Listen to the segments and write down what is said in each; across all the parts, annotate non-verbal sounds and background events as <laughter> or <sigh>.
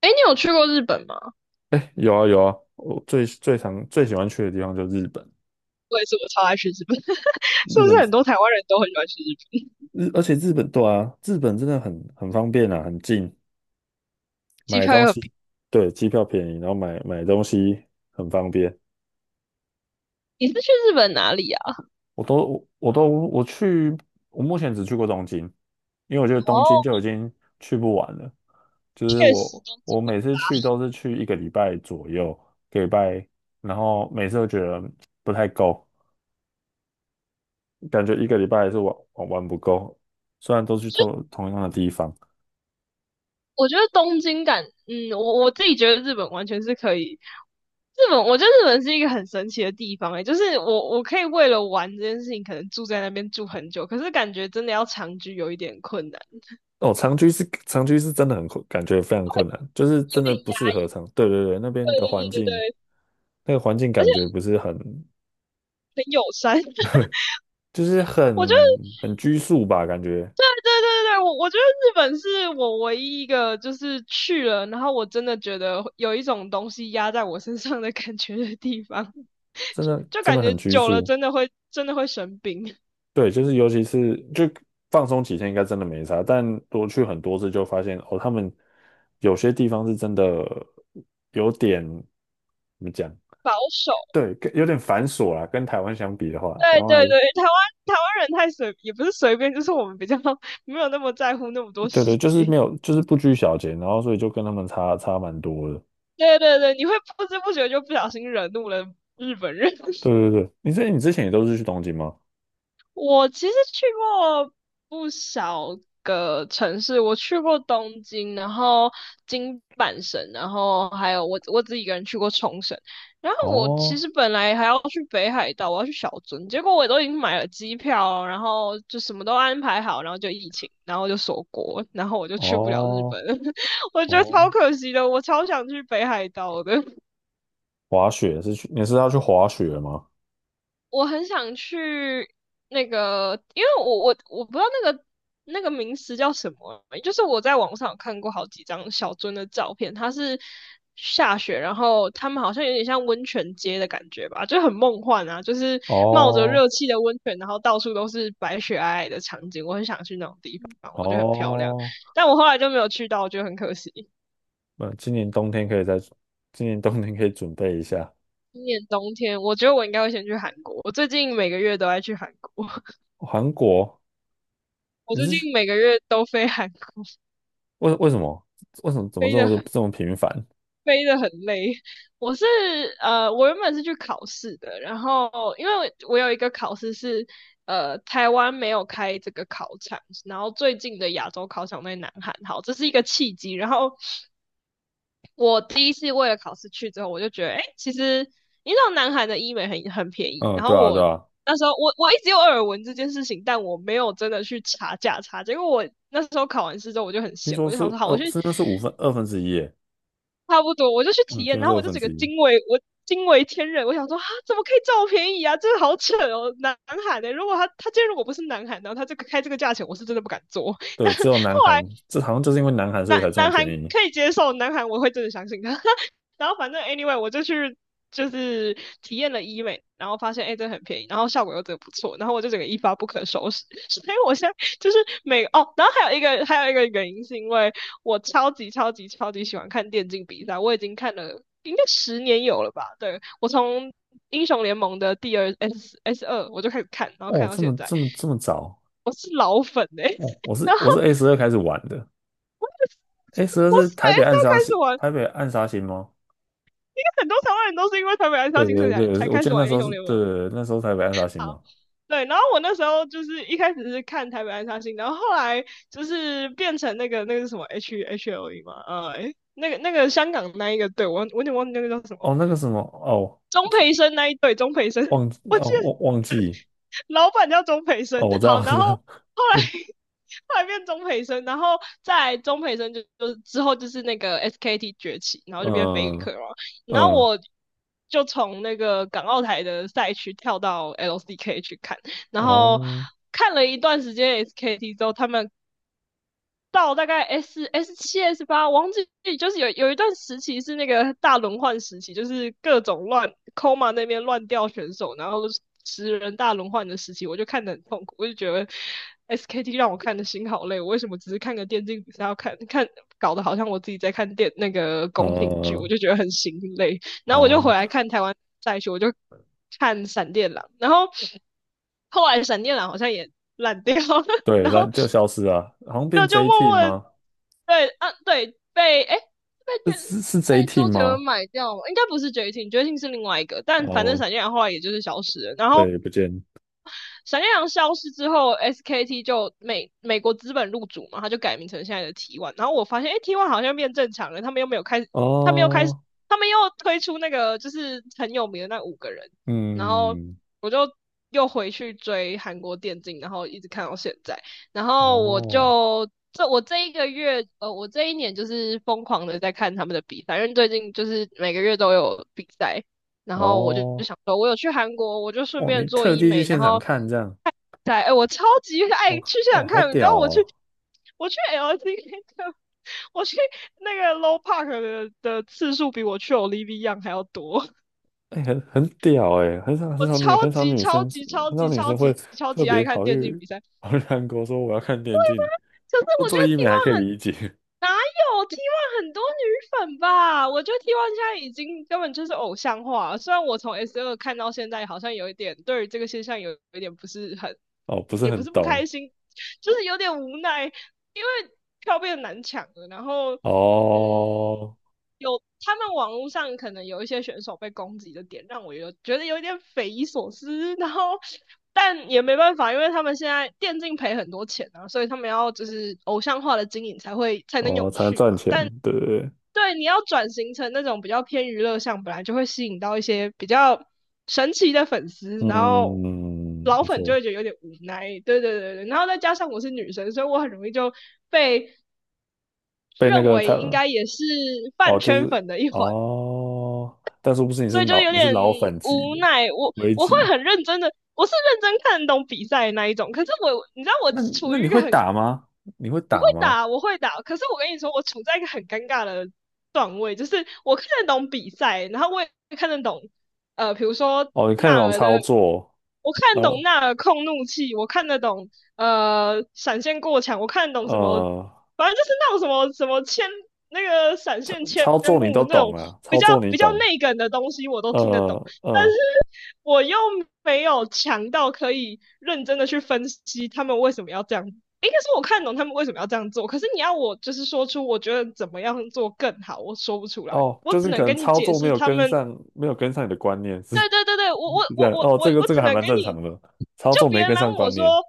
哎，你有去过日本吗？有啊有啊，我最喜欢去的地方就是日本。我也是，我超爱去日本。<laughs> 是日不是本很多台湾人都很喜欢去日本？日，而且日本对啊，日本真的很方便啊，很近，机买票东又很便西，对，机票便宜，然后买东西很方便。宜。你是去日本哪里啊？我都我我都我去，我目前只去过东京，因为我觉得东哦，京就已经去不完了。就是确实，我东我京。每次去都是去一个礼拜左右，一个礼拜，然后每次都觉得不太够，感觉一个礼拜还是玩不够，虽然都去同样的地方。我觉得东京感，嗯，我自己觉得日本完全是可以。日本，我觉得日本是一个很神奇的地方、就是我可以为了玩这件事情，可能住在那边住很久，可是感觉真的要长居有一点困难。哦，长居是真的很困，感觉非常困难，就是有真的点不压。适合长。对对对，对对对对对，那个环境感觉不是很，很友善。<laughs> 就是我觉得。很拘束吧，感觉对对对，我觉得日本是我唯一一个就是去了，然后我真的觉得有一种东西压在我身上的感觉的地方，真的就真感的觉很拘久了束。真的会生病。对，就是尤其是就放松几天应该真的没啥，但多去很多次就发现哦，他们有些地方是真的有点怎么讲。保守。对，跟有点繁琐啦，跟台湾相比的话，台对湾对还对，台湾人太随，也不是随便，就是我们比较 <laughs> 没有那么在乎那么多对细对，就是没节。有，就是不拘小节，然后所以就跟他们差蛮多的。对对对，你会不知不觉就不小心惹怒了日本人。对对对，你之前也都是去东京吗？我其实去过不少个城市，我去过东京，然后京阪神，然后还有我自己一个人去过冲绳。然后我其哦实本来还要去北海道，我要去小樽，结果我都已经买了机票，然后就什么都安排好，然后就疫情，然后就锁国，然后我就去不了日哦本了。 <laughs> 我觉得超哦，可惜的，我超想去北海道的。滑雪是去，你是要去滑雪吗？我很想去那个，因为我不知道那个名词叫什么，就是我在网上有看过好几张小樽的照片，它是下雪，然后他们好像有点像温泉街的感觉吧，就很梦幻啊，就是冒着哦热气的温泉，然后到处都是白雪皑皑的场景，我很想去那种地方，我觉得很漂亮，哦，但我后来就没有去到，我觉得很可惜。那今年冬天可以再，今年冬天可以准备一下。今年冬天，我觉得我应该会先去韩国。我最近每个月都爱去韩国。<laughs> 韩国，我你最是去近每个月都飞韩国。为为什么为什么怎么飞这得么很这么频繁？飞得很累。我是我原本是去考试的，然后因为我有一个考试，台湾没有开这个考场，然后最近的亚洲考场在南韩。好，这是一个契机。然后我第一次为了考试去之后，我就觉得，哎，其实你知道南韩的医美很便宜，嗯，然后对啊对我。啊，那时候我一直有耳闻这件事情，但我没有真的去查价差。结果我那时候考完试之后，我就很听闲，说我就是想说，好，我二去是不是五分二分之一耶？差不多，我就去嗯，体听验，说然是后我二就分整个之一。惊为天人。我想说啊，怎么可以这么便宜啊？这个好扯哦，南海的、如果他今天如果不是南海，然后他这个开这个价钱，我是真的不敢做。<laughs> 但对，只有南韩，这好像就是因为南韩所南以才这么南韩便宜。可以接受，南韩我会真的相信他。<laughs> 然后反正 anyway，我就去就是体验了医美，然后发现哎、这很便宜，然后效果又真的不错，然后我就整个一发不可收拾。所以我现在就是然后还有一个原因是因为我超级超级超级喜欢看电竞比赛，我已经看了应该10年有了吧？对，我从。英雄联盟的第二 S 二，我就开始看，然后哦，看到这现么在，这么这么早？我是老粉哎、欸。 哦，我 <laughs> 是然后我是 A 十二开始玩的，A 十二我每是台北次暗要杀开星，始玩。 台北暗杀星吗？<laughs> 很多台湾人都是因为台北暗杀对星对才对，才我开记始得那玩时英候雄是，联对盟。对对，那时候台北暗杀星嘛。对，然后我那时候就是一开始是看台北暗杀星，然后后来就是变成那个那个是什么 H L E 嘛。那个香港那一个队，我有点忘记那个叫什哦，么。那个什么，哦，钟培生那一队，钟培生。忘记 <laughs> 我记哦，得忘记，老板叫钟培哦，生。我知道，好，我知然后道，后来 <laughs> 后来变钟培生，然后在钟培生就之后就是那个 SKT 崛起，然后就变 嗯 Faker 嘛。然后嗯，我就从那个港澳台的赛区跳到 LCK 去看，然后哦，看了一段时间 SKT 之后，他们到大概 S 七 S8，忘记就是有一段时期是那个大轮换时期，就是各种乱 Koma 那边乱掉选手，然后10人大轮换的时期，我就看得很痛苦，我就觉得 SKT 让我看的心好累。我为什么只是看个电竞比赛要看看，搞得好像我自己在看电那个宫廷剧，我嗯就觉得很心累。然后我就回哦，来看台湾赛区，我就看闪电狼，然后后来闪电狼好像也烂掉了。<laughs> 对，然但后。就消失了，好像变 就 J 默 team 默的。吗？对，啊，对，被诶被卷是是是 J 被周 team 杰伦吗？买掉了，应该不是绝情，绝情是另外一个，但反正哦，闪电侠后来也就是消失了。然后对，不见。闪电狼消失之后，SKT 就美国资本入主嘛，他就改名成现在的 T1。然后我发现，哎，T1 好像变正常了，他们又没有开他们又开始，哦，他们又推出那个就是很有名的那五个人。然后嗯，我就又回去追韩国电竞，然后一直看到现在，然后我哦，就。这我这一个月，我这一年就是疯狂的在看他们的比赛，因为最近就是每个月都有比赛。然后我就哦，想说，我有去韩国，我就顺哦，你便做特医地去美，然现场后看这样，在，哎、我超级爱哦，去现哦，场好看。你知屌道我去哦，我去 LCK 的，我去那个 Low Park 的次数比我去 Olivia y n g 还要多，哎、很屌哎、很少很我少超女很少级女超生级超很少级女超生会级超特级别爱看跑电竞去比赛。跑去韩国说我要看电竞，可是做我觉做得 医美还可以 T1 理解，哪有 t one 很多女粉吧？我觉得 t one 现在已经根本就是偶像化了。虽然我从 S 二看到现在，好像有一点对于这个现象有一点不是很，<laughs> 哦，不是也不很是不开懂，心，就是有点无奈，因为票变得难抢了。然后，嗯，哦，有他们网络上可能有一些选手被攻击的点，让我有觉得有点匪夷所思。然后，但也没办法，因为他们现在电竞赔很多钱啊，所以他们要就是偶像化的经营才能哦，永才能续赚嘛。钱，但对不对？对你要转型成那种比较偏娱乐向，本来就会吸引到一些比较神奇的粉丝，然后嗯，老没粉就错，会觉得有点无奈。对对对对。然后再加上我是女生，所以我很容易就被被那认个他为应该也是哦，饭就圈是粉的一环，哦，但是不是所以就有你是点老粉级无的奈。我微我会级？很认真的，我是认真看懂比赛的那一种，可是我你知道我那处那于你一个会很。打吗？你会我会打吗？打，我会打。可是我跟你说，我处在一个很尴尬的段位，就是我看得懂比赛，然后我也看得懂，比如说哦，你看那纳种尔操的，作，我看得然懂后纳尔控怒气，我看得懂闪现过墙，我看得懂什么，呃，反正就是那种什么什么千那个闪操现千操作你都目那懂种啊，比操较作你比较懂，内梗的东西，我都听得懂。呃但是呃，我又没有强到可以认真的去分析他们为什么要这样。应该是我看懂他们为什么要这样做，可是你要我就是说出我觉得怎么样做更好，我说不出来，哦，我就是只你可能能跟你操解作没释有他跟们。上，你的观念是 <laughs> 是对对对对，我我这样，我我哦，我这个我这只个还能蛮跟正你。常的，操就作别没人跟来问上我观念，说，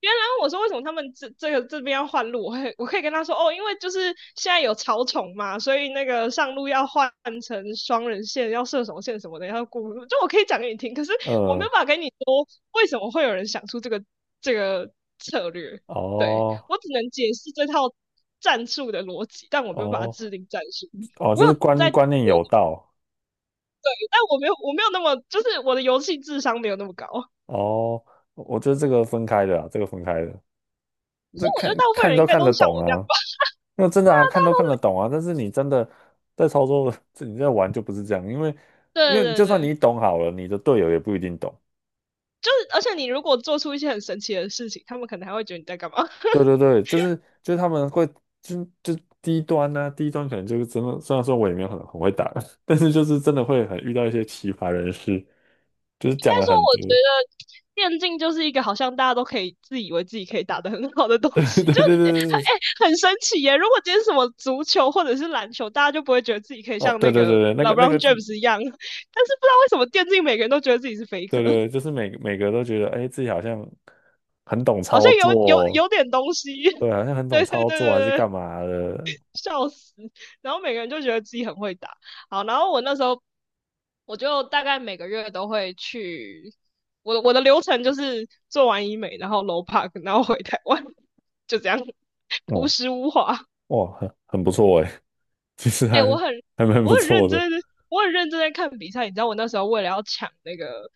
别人来问我说为什么他们这个这边要换路，我可以跟他说哦，因为就是现在有草丛嘛，所以那个上路要换成双人线，要射手线什么的，要过路。就我可以讲给你听，可是我没呃，有办法跟你说为什么会有人想出这个策略。对，哦我只能解释这套战术的逻辑，但我没有办法哦制定战术。哦，我就有是观在，但观念有道，我没有那么，就是我的游戏智商没有那么高。可哦，我觉得这个分开的啊，这个分开的，是这我觉得看大部分看人应都该看都得是像懂我这样。啊，那真的啊，大看家都看得都。 懂啊，但是你真的在操作，<laughs> 这你在玩就不是这样，因为 <laughs> 因对为对就算对。你懂好了，你的队友也不一定懂。就是，而且你如果做出一些很神奇的事情，他们可能还会觉得你在干嘛。<laughs> 应对对对，就是他们会就低端呢、啊低端可能就是真的，虽然说我也没有很会打，<laughs> 但是就是真的会很遇到一些奇葩人士，就是该讲了说，很我多。觉得电竞就是一个好像大家都可以自以为自己可以打得很好的东 <laughs> 对对西，就对对对，很神奇耶。如果今天什么足球或者是篮球，大家就不会觉得自己可以哦，像对那对个 对对，那个那 LeBron 个 James 一样。但是不知道为什么电竞每个人都觉得自己是 f a k 对 e。 对，就是每个都觉得，哎，自己好像很懂好操像有有作，有点东西。<laughs> 对，好像很懂对对对对操作还是对，干嘛的，笑死。然后每个人就觉得自己很会打。好，然后我那时候我就大概每个月都会去，我的流程就是做完医美，然后 low park,然后回台湾，就这样，朴哦，实无华。哇，很不错哎，<laughs> 其实哎，还我很还蛮我不很错认的，真的，我很认真在看比赛。你知道我那时候为了要抢那个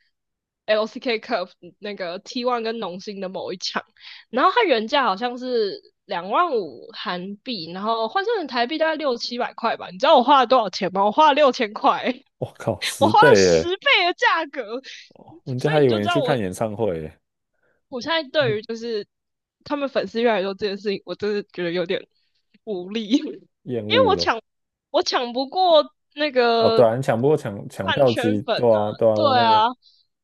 LCK Cup 那个 T1 跟农心的某一场，然后它原价好像是2.5万韩币，然后换算成台币大概六七百块吧。你知道我花了多少钱吗？我花了6000块。我靠，我十花了倍十哎，倍的价格，人家所还以你以就为知你道去看我演唱会哎，我现在对于嗯就是他们粉丝越来越多这件事情，我真的觉得有点无力，<laughs> 因厌为恶我了，抢我抢不过那哦，对个啊，你抢不过抢饭票圈机，粉对啊，啊，对啊，对啊对那啊，个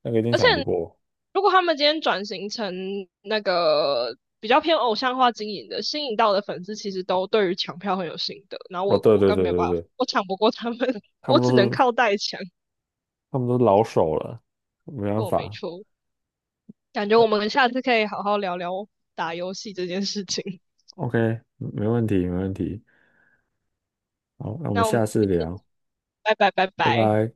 那个一定而且抢不过，如果他们今天转型成那个比较偏偶像化经营的，吸引到的粉丝其实都对于抢票很有心得，然后哦，我对我对根本对没有对办法，对，我抢不过他们，<laughs> 他我们都只能是靠代抢，他们都是老手了，没办我没法错。感觉我们下次可以好好聊聊打游戏这件事情。，OK，没问题没问题，好，那我们那我们下次聊。拜拜拜拜拜。拜。